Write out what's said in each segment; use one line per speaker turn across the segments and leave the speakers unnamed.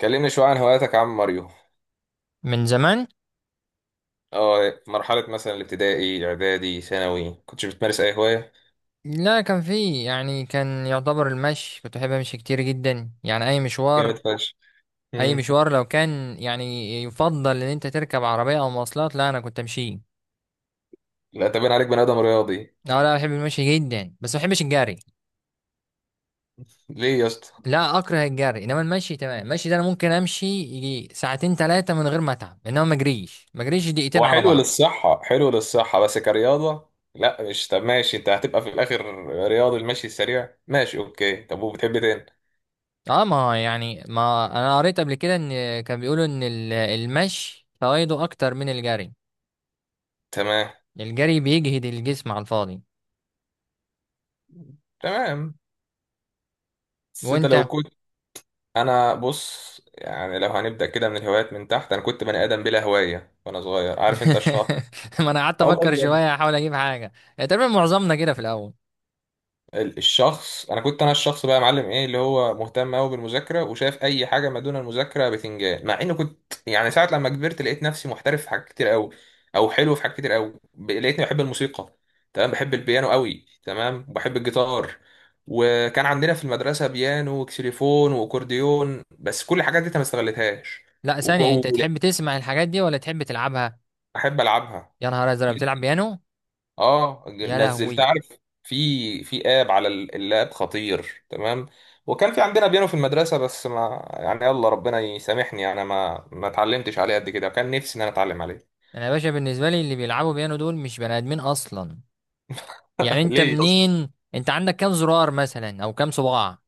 كلمني شوية عن هواياتك يا عم ماريو.
من زمان.
اه مرحلة مثلا الابتدائي اعدادي ثانوي كنتش بتمارس اي هواية؟
لا، كان في، يعني كان يعتبر المشي. كنت بحب امشي كتير جدا، يعني اي
جامد
مشوار،
فشخ.
اي
امم
مشوار لو كان يعني يفضل ان انت تركب عربية او مواصلات، لا انا كنت امشي.
لا، تبين عليك بني ادم رياضي.
لا لا، بحب المشي جدا، بس ما بحبش الجري.
ليه يا اسطى؟
لا اكره الجري، انما المشي تمام. المشي ده انا ممكن امشي يجي ساعتين ثلاثة من غير ما اتعب، انما ما اجريش، ما اجريش دقيقتين
هو
على
حلو
بعض.
للصحة، حلو للصحة، بس كرياضة. لا مش... طب ماشي، انت هتبقى في الاخر رياضي، المشي السريع ماشي، اوكي. طب وبتحب إيه تاني؟
اه، ما يعني ما انا قريت قبل كده ان كان بيقولوا ان المشي فوائده اكتر من الجري.
تمام.
الجري بيجهد الجسم على الفاضي.
تمام. بس انت
وانت
لو كنت... انا بص يعني لو هنبدأ كده من الهوايات من تحت، انا كنت بني ادم بلا هواية وانا صغير، عارف انت الشخص؟
ما انا قعدت
اه والله
افكر
بجد.
شويه احاول اجيب حاجه. تقريبا معظمنا كده في الاول.
الشخص، انا كنت الشخص بقى يا معلم، ايه اللي هو مهتم قوي بالمذاكره وشايف اي حاجه ما دون المذاكره بتنجان. مع اني كنت يعني ساعه لما كبرت لقيت نفسي محترف في حاجات كتير قوي. او حلو، في حاجات كتير قوي لقيتني بحب الموسيقى. تمام، بحب البيانو قوي، تمام، وبحب الجيتار. وكان عندنا في المدرسه بيانو وكسيليفون واكورديون بس كل الحاجات دي أنا ما استغلتهاش.
لا
وك-
ثانيه، انت
ولا-
تحب تسمع الحاجات دي ولا تحب تلعبها؟
احب العبها.
يا نهار ازرق، بتلعب بيانو؟
اه،
يا
نزلت
لهوي.
عارف، في في اب على اللاب خطير. تمام. وكان في عندنا بيانو في المدرسه بس ما يعني يلا ربنا يسامحني، انا ما اتعلمتش عليه قد كده. كان نفسي ان انا اتعلم عليه.
انا يا باشا بالنسبه لي اللي بيلعبوا بيانو دول مش بني ادمين اصلا. يعني انت
ليه يا اسطى؟
منين؟ انت عندك كام زرار مثلا او كام صباع؟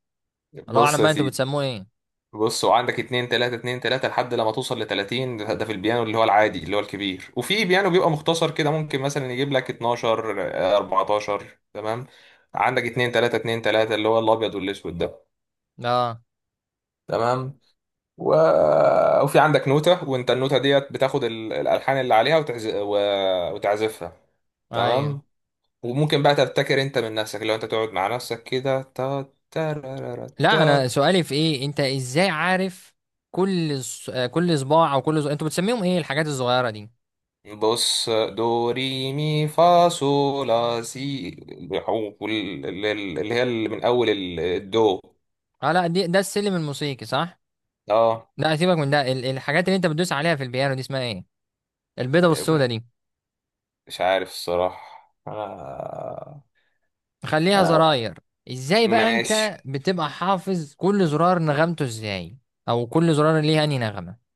الله
بص
اعلم
يا
بقى انتوا
سيدي.
بتسموه ايه.
بص، وعندك اتنين تلاتة، اتنين تلاتة، لحد لما توصل لتلاتين. ده ده في البيانو اللي هو العادي اللي هو الكبير، وفي بيانو بيبقى مختصر كده ممكن مثلا يجيب لك اتناشر، اربعتاشر. تمام. عندك اتنين تلاتة، اتنين تلاتة، اللي هو الابيض والاسود ده.
اه.
تمام. و... وفي عندك نوتة، وانت النوتة ديت بتاخد الألحان اللي عليها وتعزفها.
ايوه.
تمام. وممكن بقى تبتكر انت من نفسك، لو انت تقعد مع نفسك كده، تا تارارارا
لا،
تا.
انا سؤالي في ايه، انت ازاي عارف كل كل صباع او كل انتوا بتسميهم ايه الحاجات الصغيره دي؟
بص، دو ري مي فا صو لا سي. اللي هي اللي من أول الدو.
اه لا، دي ده السلم الموسيقي صح.
اه.
لا سيبك من ده، الحاجات اللي انت بتدوس عليها في البيانو دي اسمها ايه؟ البيضه والسودا دي.
مش عارف الصراحة، انا.
خليها
انا
زراير. ازاي بقى
ماشي.
انت بتبقى حافظ كل زرار نغمته ازاي؟ او كل زرار ليه انهي نغمه؟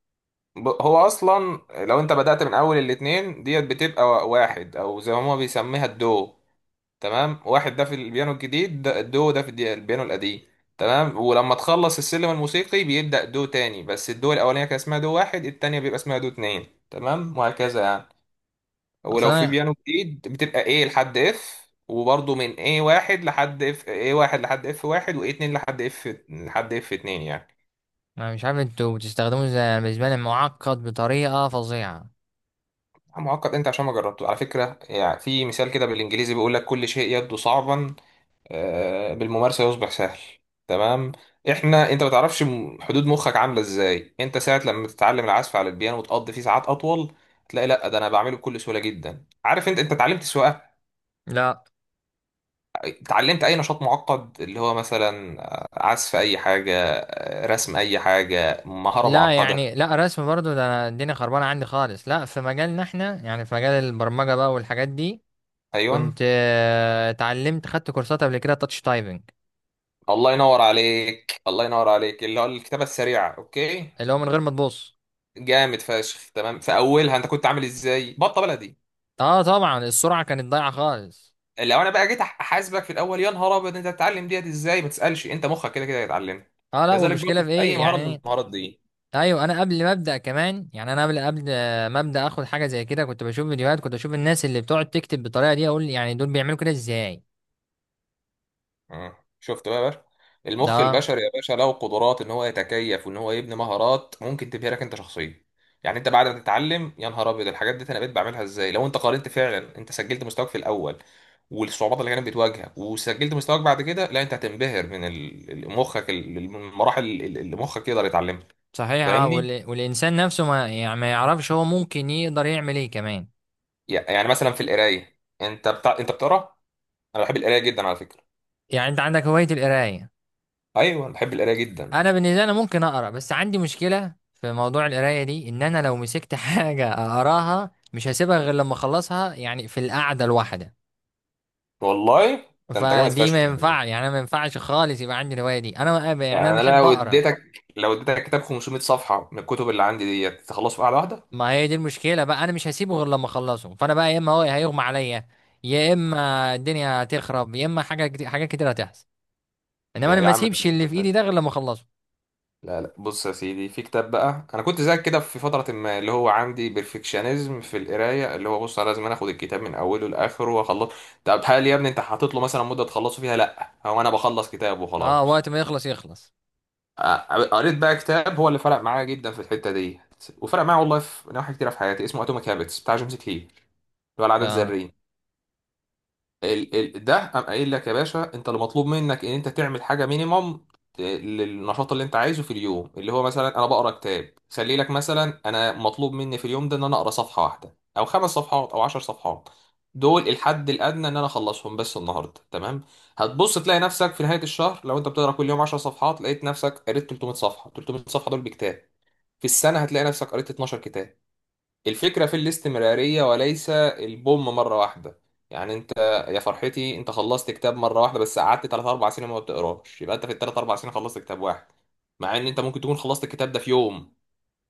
هو اصلا لو انت بدأت من اول الاتنين ديت بتبقى واحد، او زي ما هما بيسميها الدو. تمام. واحد ده في البيانو الجديد، ده الدو، ده في البيانو القديم. تمام. ولما تخلص السلم الموسيقي بيبدأ دو تاني، بس الدو الاولانية كان اسمها دو واحد، التانية بيبقى اسمها دو اتنين. تمام وهكذا يعني.
اصل
ولو في
انا،
بيانو جديد بتبقى ايه لحد اف، وبرضه من ايه واحد لحد اف، ايه واحد لحد اف واحد، وايه اتنين لحد اف... لحد اف اتنين يعني.
انا مش عارف انتوا بتستخدموه ازاي. انا بالنسبه لي معقد بطريقه فظيعه.
معقد انت عشان ما جربته، على فكرة. يعني في مثال كده بالانجليزي بيقول لك كل شيء يبدو صعبا، بالممارسة يصبح سهل. تمام. احنا انت ما تعرفش حدود مخك عاملة ازاي. انت ساعة لما تتعلم العزف على البيانو وتقضي فيه ساعات اطول تلاقي لا، ده انا بعمله بكل سهولة جدا. عارف انت؟ انت اتعلمت سواقة،
لا،
اتعلمت اي نشاط معقد اللي هو مثلا عزف اي حاجة، رسم اي حاجة، مهارة
لا
معقدة؟
يعني لا رسم برضو، ده انا الدنيا خربانه عندي خالص. لا في مجالنا احنا، يعني في مجال البرمجه بقى والحاجات دي،
ايوه.
كنت آه، اتعلمت خدت كورسات قبل كده تاتش تايبنج،
الله ينور عليك، الله ينور عليك، اللي هو الكتابة السريعة، اوكي.
اللي هو من غير ما تبص.
جامد فشخ. تمام. في اولها انت كنت عامل ازاي؟ بطه بلدي.
اه طبعا، السرعه كانت ضايعه خالص.
لو انا بقى جيت احاسبك في الاول يا نهار ابيض انت هتتعلم ديت ازاي؟ ما تسالش، انت مخك كده كده هيتعلمها.
اه لا،
كذلك برضه
والمشكله في
في اي
ايه
مهاره من
يعني.
المهارات دي.
ايوه، انا قبل ما ابدا كمان، يعني انا قبل ما ابدا اخد حاجه زي كده كنت بشوف فيديوهات، كنت بشوف الناس اللي بتقعد تكتب بالطريقه دي، اقول يعني دول بيعملوا كده ازاي.
مم. شفت بقى يا باشا؟ المخ
ده
البشري يا باشا له قدرات ان هو يتكيف وان هو يبني مهارات ممكن تبهرك لك انت شخصيا. يعني انت بعد ما تتعلم يا نهار ابيض الحاجات دي، انا بقيت بعملها ازاي لو انت قارنت؟ فعلا، انت سجلت مستواك في الاول والصعوبات اللي كانت بتواجهها، وسجلت مستواك بعد كده، لا انت هتنبهر من مخك، المراحل اللي مخك يقدر يتعلمها.
صحيح. اه،
فاهمني؟
والانسان نفسه ما يعني ما يعرفش هو ممكن يقدر يعمل ايه كمان.
يعني مثلا في القرايه، انت انت بتقرا؟ انا بحب القرايه جدا على فكره.
يعني انت عندك هوايه القرايه؟
ايوه بحب القرايه جدا.
انا بالنسبه لي أنا ممكن اقرا، بس عندي مشكله في موضوع القرايه دي، ان انا لو مسكت حاجه اقراها مش هسيبها غير لما اخلصها، يعني في القعده الواحده.
والله ده انت جامد
فدي
فشخ
ما
يعني.
ينفع، يعني انا ما ينفعش خالص يبقى عندي الهوايه دي، انا ما- يعني انا
يعني انا
بحب
لو
اقرا.
اديتك، لو اديتك كتاب 500 صفحه من الكتب اللي عندي ديت تخلصه في قعده واحده.
ما هي دي المشكله بقى، انا مش هسيبه غير لما اخلصه، فانا بقى يا اما هو هيغمى عليا، يا اما الدنيا هتخرب، يا اما حاجه كتير، حاجات كتير هتحصل. انما
يا
انا
يا
ما
عم ده
اسيبش اللي
مش
في ايدي
ماشي.
ده غير لما اخلصه.
لا لا، بص يا سيدي، في كتاب بقى انا كنت زيك كده في فتره، ما اللي هو عندي بيرفكشنزم في القرايه، اللي هو بص انا لازم أنا اخد الكتاب من اوله لاخره واخلصه. طب هل يا ابني انت حاطط له مثلا مده تخلصه فيها؟ لا، هو انا بخلص كتاب
اه،
وخلاص.
وقت ما يخلص يخلص.
آه، قريت بقى كتاب هو اللي فرق معايا جدا في الحته دي، وفرق معايا والله في نواحي كتيره في حياتي، اسمه اتوميك هابتس بتاع جيمس كلير، اللي هو العادات
اه
الذريه. ال ال ده قام قايل لك يا باشا انت اللي مطلوب منك ان انت تعمل حاجه مينيمم للنشاط اللي انت عايزه في اليوم، اللي هو مثلا انا بقرا كتاب، خلي لك مثلا انا مطلوب مني في اليوم ده ان انا اقرا صفحه واحده، او خمس صفحات، او عشر صفحات. دول الحد الادنى ان انا اخلصهم بس النهارده. تمام. هتبص تلاقي نفسك في نهايه الشهر لو انت بتقرا كل يوم 10 صفحات، لقيت نفسك قريت 300 صفحه. 300 صفحه دول بكتاب. في السنه هتلاقي نفسك قريت 12 كتاب. الفكرة في الاستمرارية وليس البوم مرة واحدة. يعني انت... يا فرحتي انت خلصت كتاب مرة واحدة بس قعدت 3 4 سنين ما بتقراش، يبقى انت في الثلاث اربع سنين خلصت كتاب واحد، مع ان انت ممكن تكون خلصت الكتاب ده في يوم.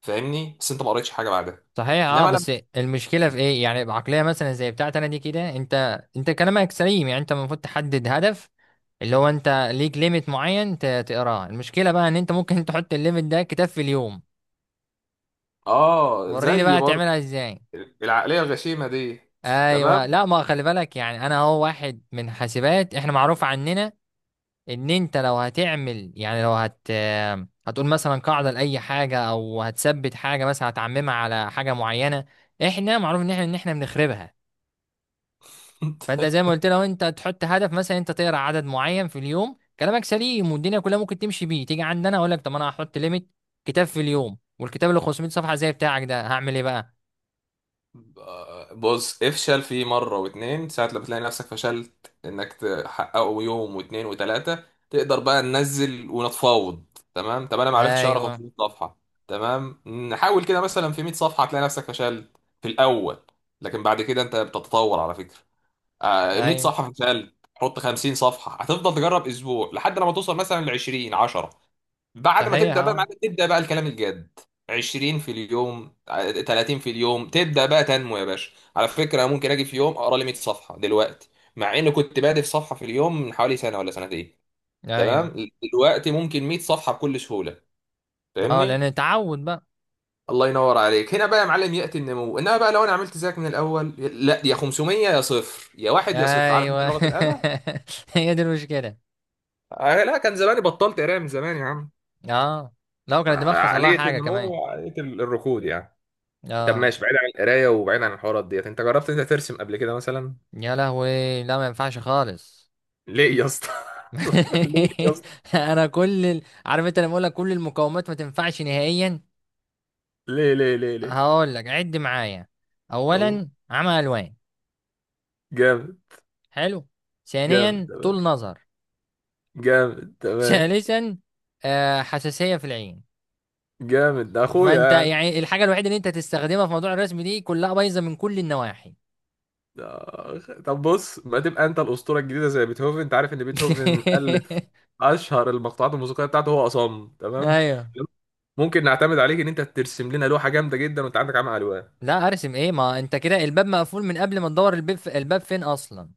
فاهمني؟ بس انت ما قريتش حاجة بعدها.
صحيح. اه
انما لما...
بس المشكله في ايه يعني، بعقليه مثلا زي بتاعتي انا دي كده، انت كلامك سليم، يعني انت المفروض تحدد هدف، اللي هو انت ليك ليميت معين تقراه. المشكله بقى ان انت ممكن تحط الليميت ده كتاب في اليوم.
اه
وريني
زي
بقى
برضه
تعملها ازاي.
العقلية الغشيمة دي. تمام.
ايوه لا، ما خلي بالك، يعني انا هو واحد من حاسبات، احنا معروف عننا ان انت لو هتعمل، يعني لو هتقول مثلا قاعده لاي حاجه، او هتثبت حاجه مثلا، هتعممها على حاجه معينه. احنا معروف ان احنا بنخربها. فانت زي ما قلت، لو انت تحط هدف مثلا انت تقرا عدد معين في اليوم، كلامك سليم والدنيا كلها ممكن تمشي بيه. تيجي عندنا، اقول لك طب انا هحط ليميت كتاب في اليوم، والكتاب اللي 500 صفحه زي بتاعك ده هعمل ايه بقى؟
بص، افشل فيه مرة واتنين، ساعة لما تلاقي نفسك فشلت انك تحققه يوم واتنين وتلاتة، تقدر بقى ننزل ونتفاوض. تمام. طب انا ما عرفتش اقرا
ايوه.
500 صفحة؟ تمام. نحاول كده مثلا في 100 صفحة. تلاقي نفسك فشلت في الاول، لكن بعد كده انت بتتطور على فكرة. 100
ايوه
صفحة فشلت، حط 50 صفحة. هتفضل تجرب اسبوع لحد لما توصل مثلا ل 20، 10. بعد ما
صحيح.
تبدا بقى
اه.
معاك تبدا بقى الكلام الجاد، 20 في اليوم، 30 في اليوم، تبدا بقى تنمو يا باشا. على فكره ممكن اجي في يوم اقرا لي 100 صفحه دلوقتي، مع اني كنت بادئ في صفحه في اليوم من حوالي سنه ولا سنتين.
ايوه.
تمام. دلوقتي ممكن 100 صفحه بكل سهوله.
اه، لان
فاهمني؟
اتعود بقى.
الله ينور عليك. هنا بقى يا معلم ياتي النمو. انما بقى لو انا عملت زيك من الاول، لا يا 500 يا صفر، يا واحد يا صفر، عارف انت
ايوه
لغه الاله.
هي دي المشكله.
لا كان زماني بطلت قرايه من زمان يا عم.
اه، لو كان الدماغ حصل لها
عقليه
حاجه
النمو
كمان.
وعقليه الركود يعني. طب
اه.
ماشي، بعيد عن القرايه وبعيد عن الحوارات ديت، انت جربت انت ترسم قبل كده مثلا؟
يا لهوي، لا ما ينفعش خالص.
ليه يا اسطى؟ ليه يا اسطى؟
انا كل عارف انت، لما اقول لك كل المقاومات ما تنفعش نهائيا.
ليه ليه ليه ليه؟
هقول لك عد معايا:
أوه.
اولا عمى الوان،
جامد.
حلو،
جامد
ثانيا
تمام.
طول نظر،
جامد تمام.
ثالثا آه حساسيه في العين.
جامد ده اخويا
فانت
يعني.
يعني الحاجه الوحيده اللي انت تستخدمها في موضوع الرسم دي كلها بايظه من كل النواحي.
ده... طب بص، ما تبقى انت الاسطوره الجديده زي بيتهوفن. انت عارف ان بيتهوفن الف اشهر المقطوعات الموسيقيه بتاعته هو اصم. تمام.
ايوه.
ممكن نعتمد عليك ان انت ترسم لنا لوحه جامده جدا وانت عندك عمى الوان.
لا ارسم ايه، ما انت كده الباب مقفول من قبل ما تدور الباب، في الباب فين اصلا؟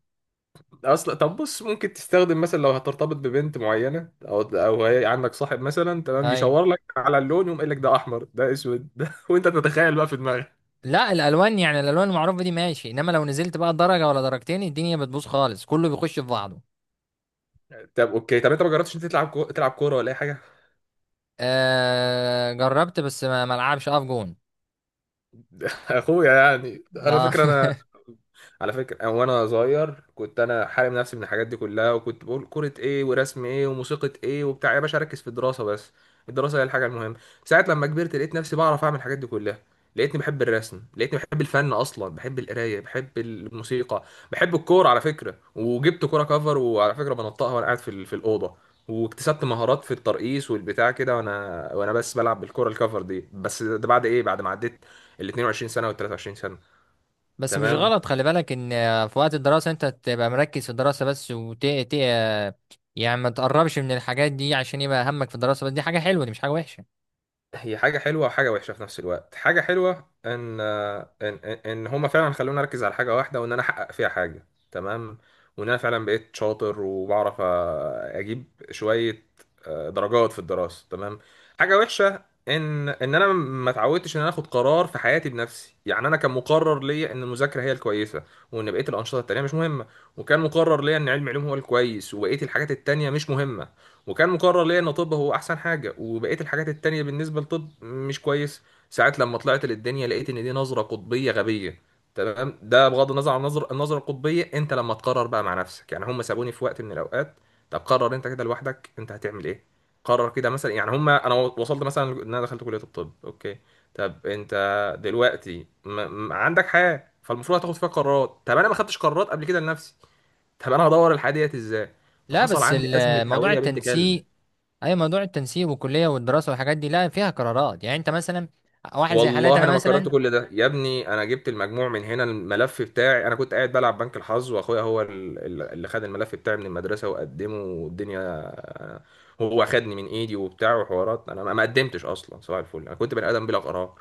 اصلا طب بص، ممكن تستخدم مثلا لو هترتبط ببنت معينه، او او هي عندك صاحب مثلا تمام،
ايوه.
يشاور لك على اللون، يقوم قايل لك ده احمر ده اسود ده وانت تتخيل بقى في دماغك.
لا الالوان، يعني الالوان المعروفه دي ماشي، انما لو نزلت بقى درجه ولا درجتين الدنيا بتبوظ خالص، كله بيخش في بعضه.
طب اوكي، طب انت ما جربتش انت تلعب كوره ولا اي حاجه؟
آه جربت، بس ما العبش، اقف جون.
اخويا يعني على
آه.
فكره انا. على فكرة أنا وأنا صغير كنت أنا حارم نفسي من الحاجات دي كلها، وكنت بقول كرة إيه ورسم إيه وموسيقى إيه وبتاع، يا باشا أركز في الدراسة بس، الدراسة هي الحاجة المهمة. ساعة لما كبرت لقيت نفسي بعرف أعمل الحاجات دي كلها. لقيتني بحب الرسم، لقيتني بحب الفن أصلا، بحب القراية، بحب الموسيقى، بحب الكورة على فكرة. وجبت كورة كفر، وعلى فكرة بنطقها وأنا قاعد في في الأوضة، واكتسبت مهارات في الترقيص والبتاع كده وأنا وأنا بس بلعب بالكورة الكفر دي. بس ده بعد إيه؟ بعد ما عديت ال 22 سنة وال 23 سنة.
بس مش
تمام.
غلط، خلي بالك ان في وقت الدراسه انت تبقى مركز في الدراسه بس، يعني ما تقربش من الحاجات دي عشان يبقى همك في الدراسه بس، دي حاجه حلوه، دي مش حاجه وحشه.
هي حاجة حلوة وحاجة وحشة في نفس الوقت. حاجة حلوة ان إن هما فعلا خلوني اركز على حاجة واحدة وان انا احقق فيها حاجة. تمام. وان انا فعلا بقيت شاطر وبعرف اجيب شوية درجات في الدراسة. تمام. حاجة وحشة ان ان انا ما اتعودتش ان انا اخد قرار في حياتي بنفسي. يعني انا كان مقرر ليا ان المذاكرة هي الكويسة، وان بقية الانشطة التانية مش مهمة. وكان مقرر ليا ان علم علوم هو الكويس وبقية الحاجات التانية مش مهمة. وكان مقرر ليا ان طب هو احسن حاجه وبقيه الحاجات التانية بالنسبه لطب مش كويس. ساعات لما طلعت للدنيا لقيت ان دي نظره قطبيه غبيه. تمام. ده بغض النظر عن النظره القطبيه، انت لما تقرر بقى مع نفسك، يعني هم سابوني في وقت من الاوقات: طب قرر انت كده لوحدك انت هتعمل ايه. قرر كده مثلا. يعني هم انا وصلت مثلا ان انا دخلت كليه الطب، اوكي. طب انت دلوقتي عندك حياه، فالمفروض هتاخد فيها قرارات. طب انا ما خدتش قرارات قبل كده لنفسي. طب انا هدور الحياه ديت ازاي؟
لا
فحصل
بس
عندي ازمه
موضوع
هويه بنت كلب.
التنسيق، اي موضوع التنسيب والكليه والدراسه والحاجات دي لا فيها قرارات. يعني انت مثلا، واحد زي حالاتي
والله
انا
انا ما قررت
مثلا،
كل ده يا ابني. انا جبت المجموع من هنا، الملف بتاعي انا كنت قاعد بلعب بنك الحظ، واخويا هو اللي خد الملف بتاعي من المدرسه وقدمه والدنيا. هو خدني من ايدي وبتاع وحوارات، انا ما قدمتش اصلا صباح الفل، انا كنت بني ادم بلا قرار.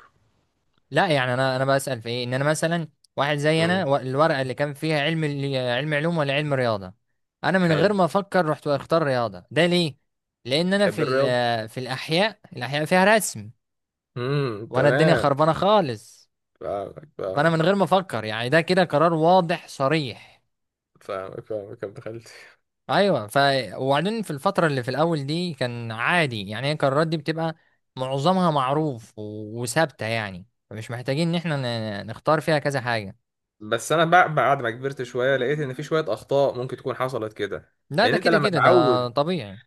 لا يعني انا بسال في ايه، ان انا مثلا واحد زي انا
امم
الورقه اللي كان فيها علم علم علوم ولا علم رياضه، انا من غير
حلو.
ما افكر رحت اختار رياضه. ده ليه؟ لان انا في
تحب الرياضه.
في الاحياء، الاحياء فيها رسم، وانا الدنيا
تمام.
خربانه خالص.
فاهمك
فانا
فاهمك.
من غير ما افكر، يعني ده كده قرار واضح صريح.
فاهمك فاهمك يا ابن خالتي.
ايوه. وبعدين في الفتره اللي في الاول دي كان عادي، يعني هي القرارات دي بتبقى معظمها معروف وثابته، يعني فمش محتاجين ان احنا نختار فيها كذا حاجه.
بس انا بعد ما كبرت شويه لقيت ان في شويه اخطاء ممكن تكون حصلت كده.
لا
لان
ده
انت
كده
لما
كده ده
تعود...
طبيعي.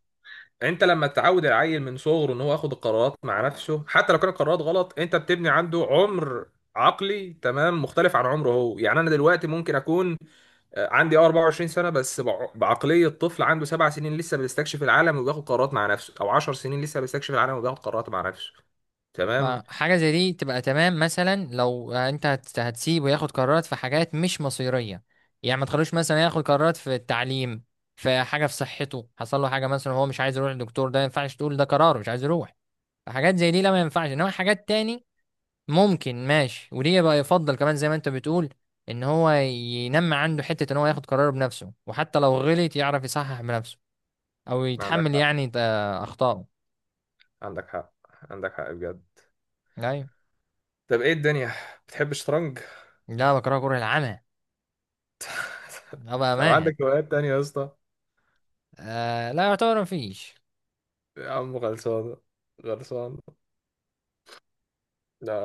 انت لما تعود العيل من صغره ان هو ياخد القرارات مع نفسه، حتى لو كانت القرارات غلط، انت بتبني عنده عمر عقلي تمام مختلف عن عمره هو. يعني انا دلوقتي ممكن اكون عندي 24 سنه بس بعقليه طفل عنده سبع سنين لسه بيستكشف العالم وبياخد قرارات مع نفسه، او 10 سنين لسه بيستكشف العالم وبياخد قرارات مع نفسه. تمام.
ما حاجه زي دي تبقى تمام، مثلا لو انت هتسيبه ياخد قرارات في حاجات مش مصيريه. يعني ما تخلوش مثلا ياخد قرارات في التعليم، في حاجه في صحته حصل له حاجه مثلا هو مش عايز يروح للدكتور، ده ما ينفعش تقول ده قراره مش عايز يروح. حاجات زي دي لا ما ينفعش، انما حاجات تاني ممكن ماشي. وليه بقى يفضل كمان زي ما انت بتقول ان هو ينمى عنده حتة ان هو ياخد قراره بنفسه، وحتى لو غلط يعرف يصحح بنفسه، او
عندك
يتحمل
حق.
يعني اخطائه.
عندك حق. عندك حق بجد.
ايوه.
طب ايه الدنيا، بتحب الشطرنج؟
لا بكره، كره العمى. ابقى
طب
مانع.
عندك هوايات تانية يا اسطى؟
آه لا يعتبر مفيش.
يا عم خلصانه. خلصانه. لا.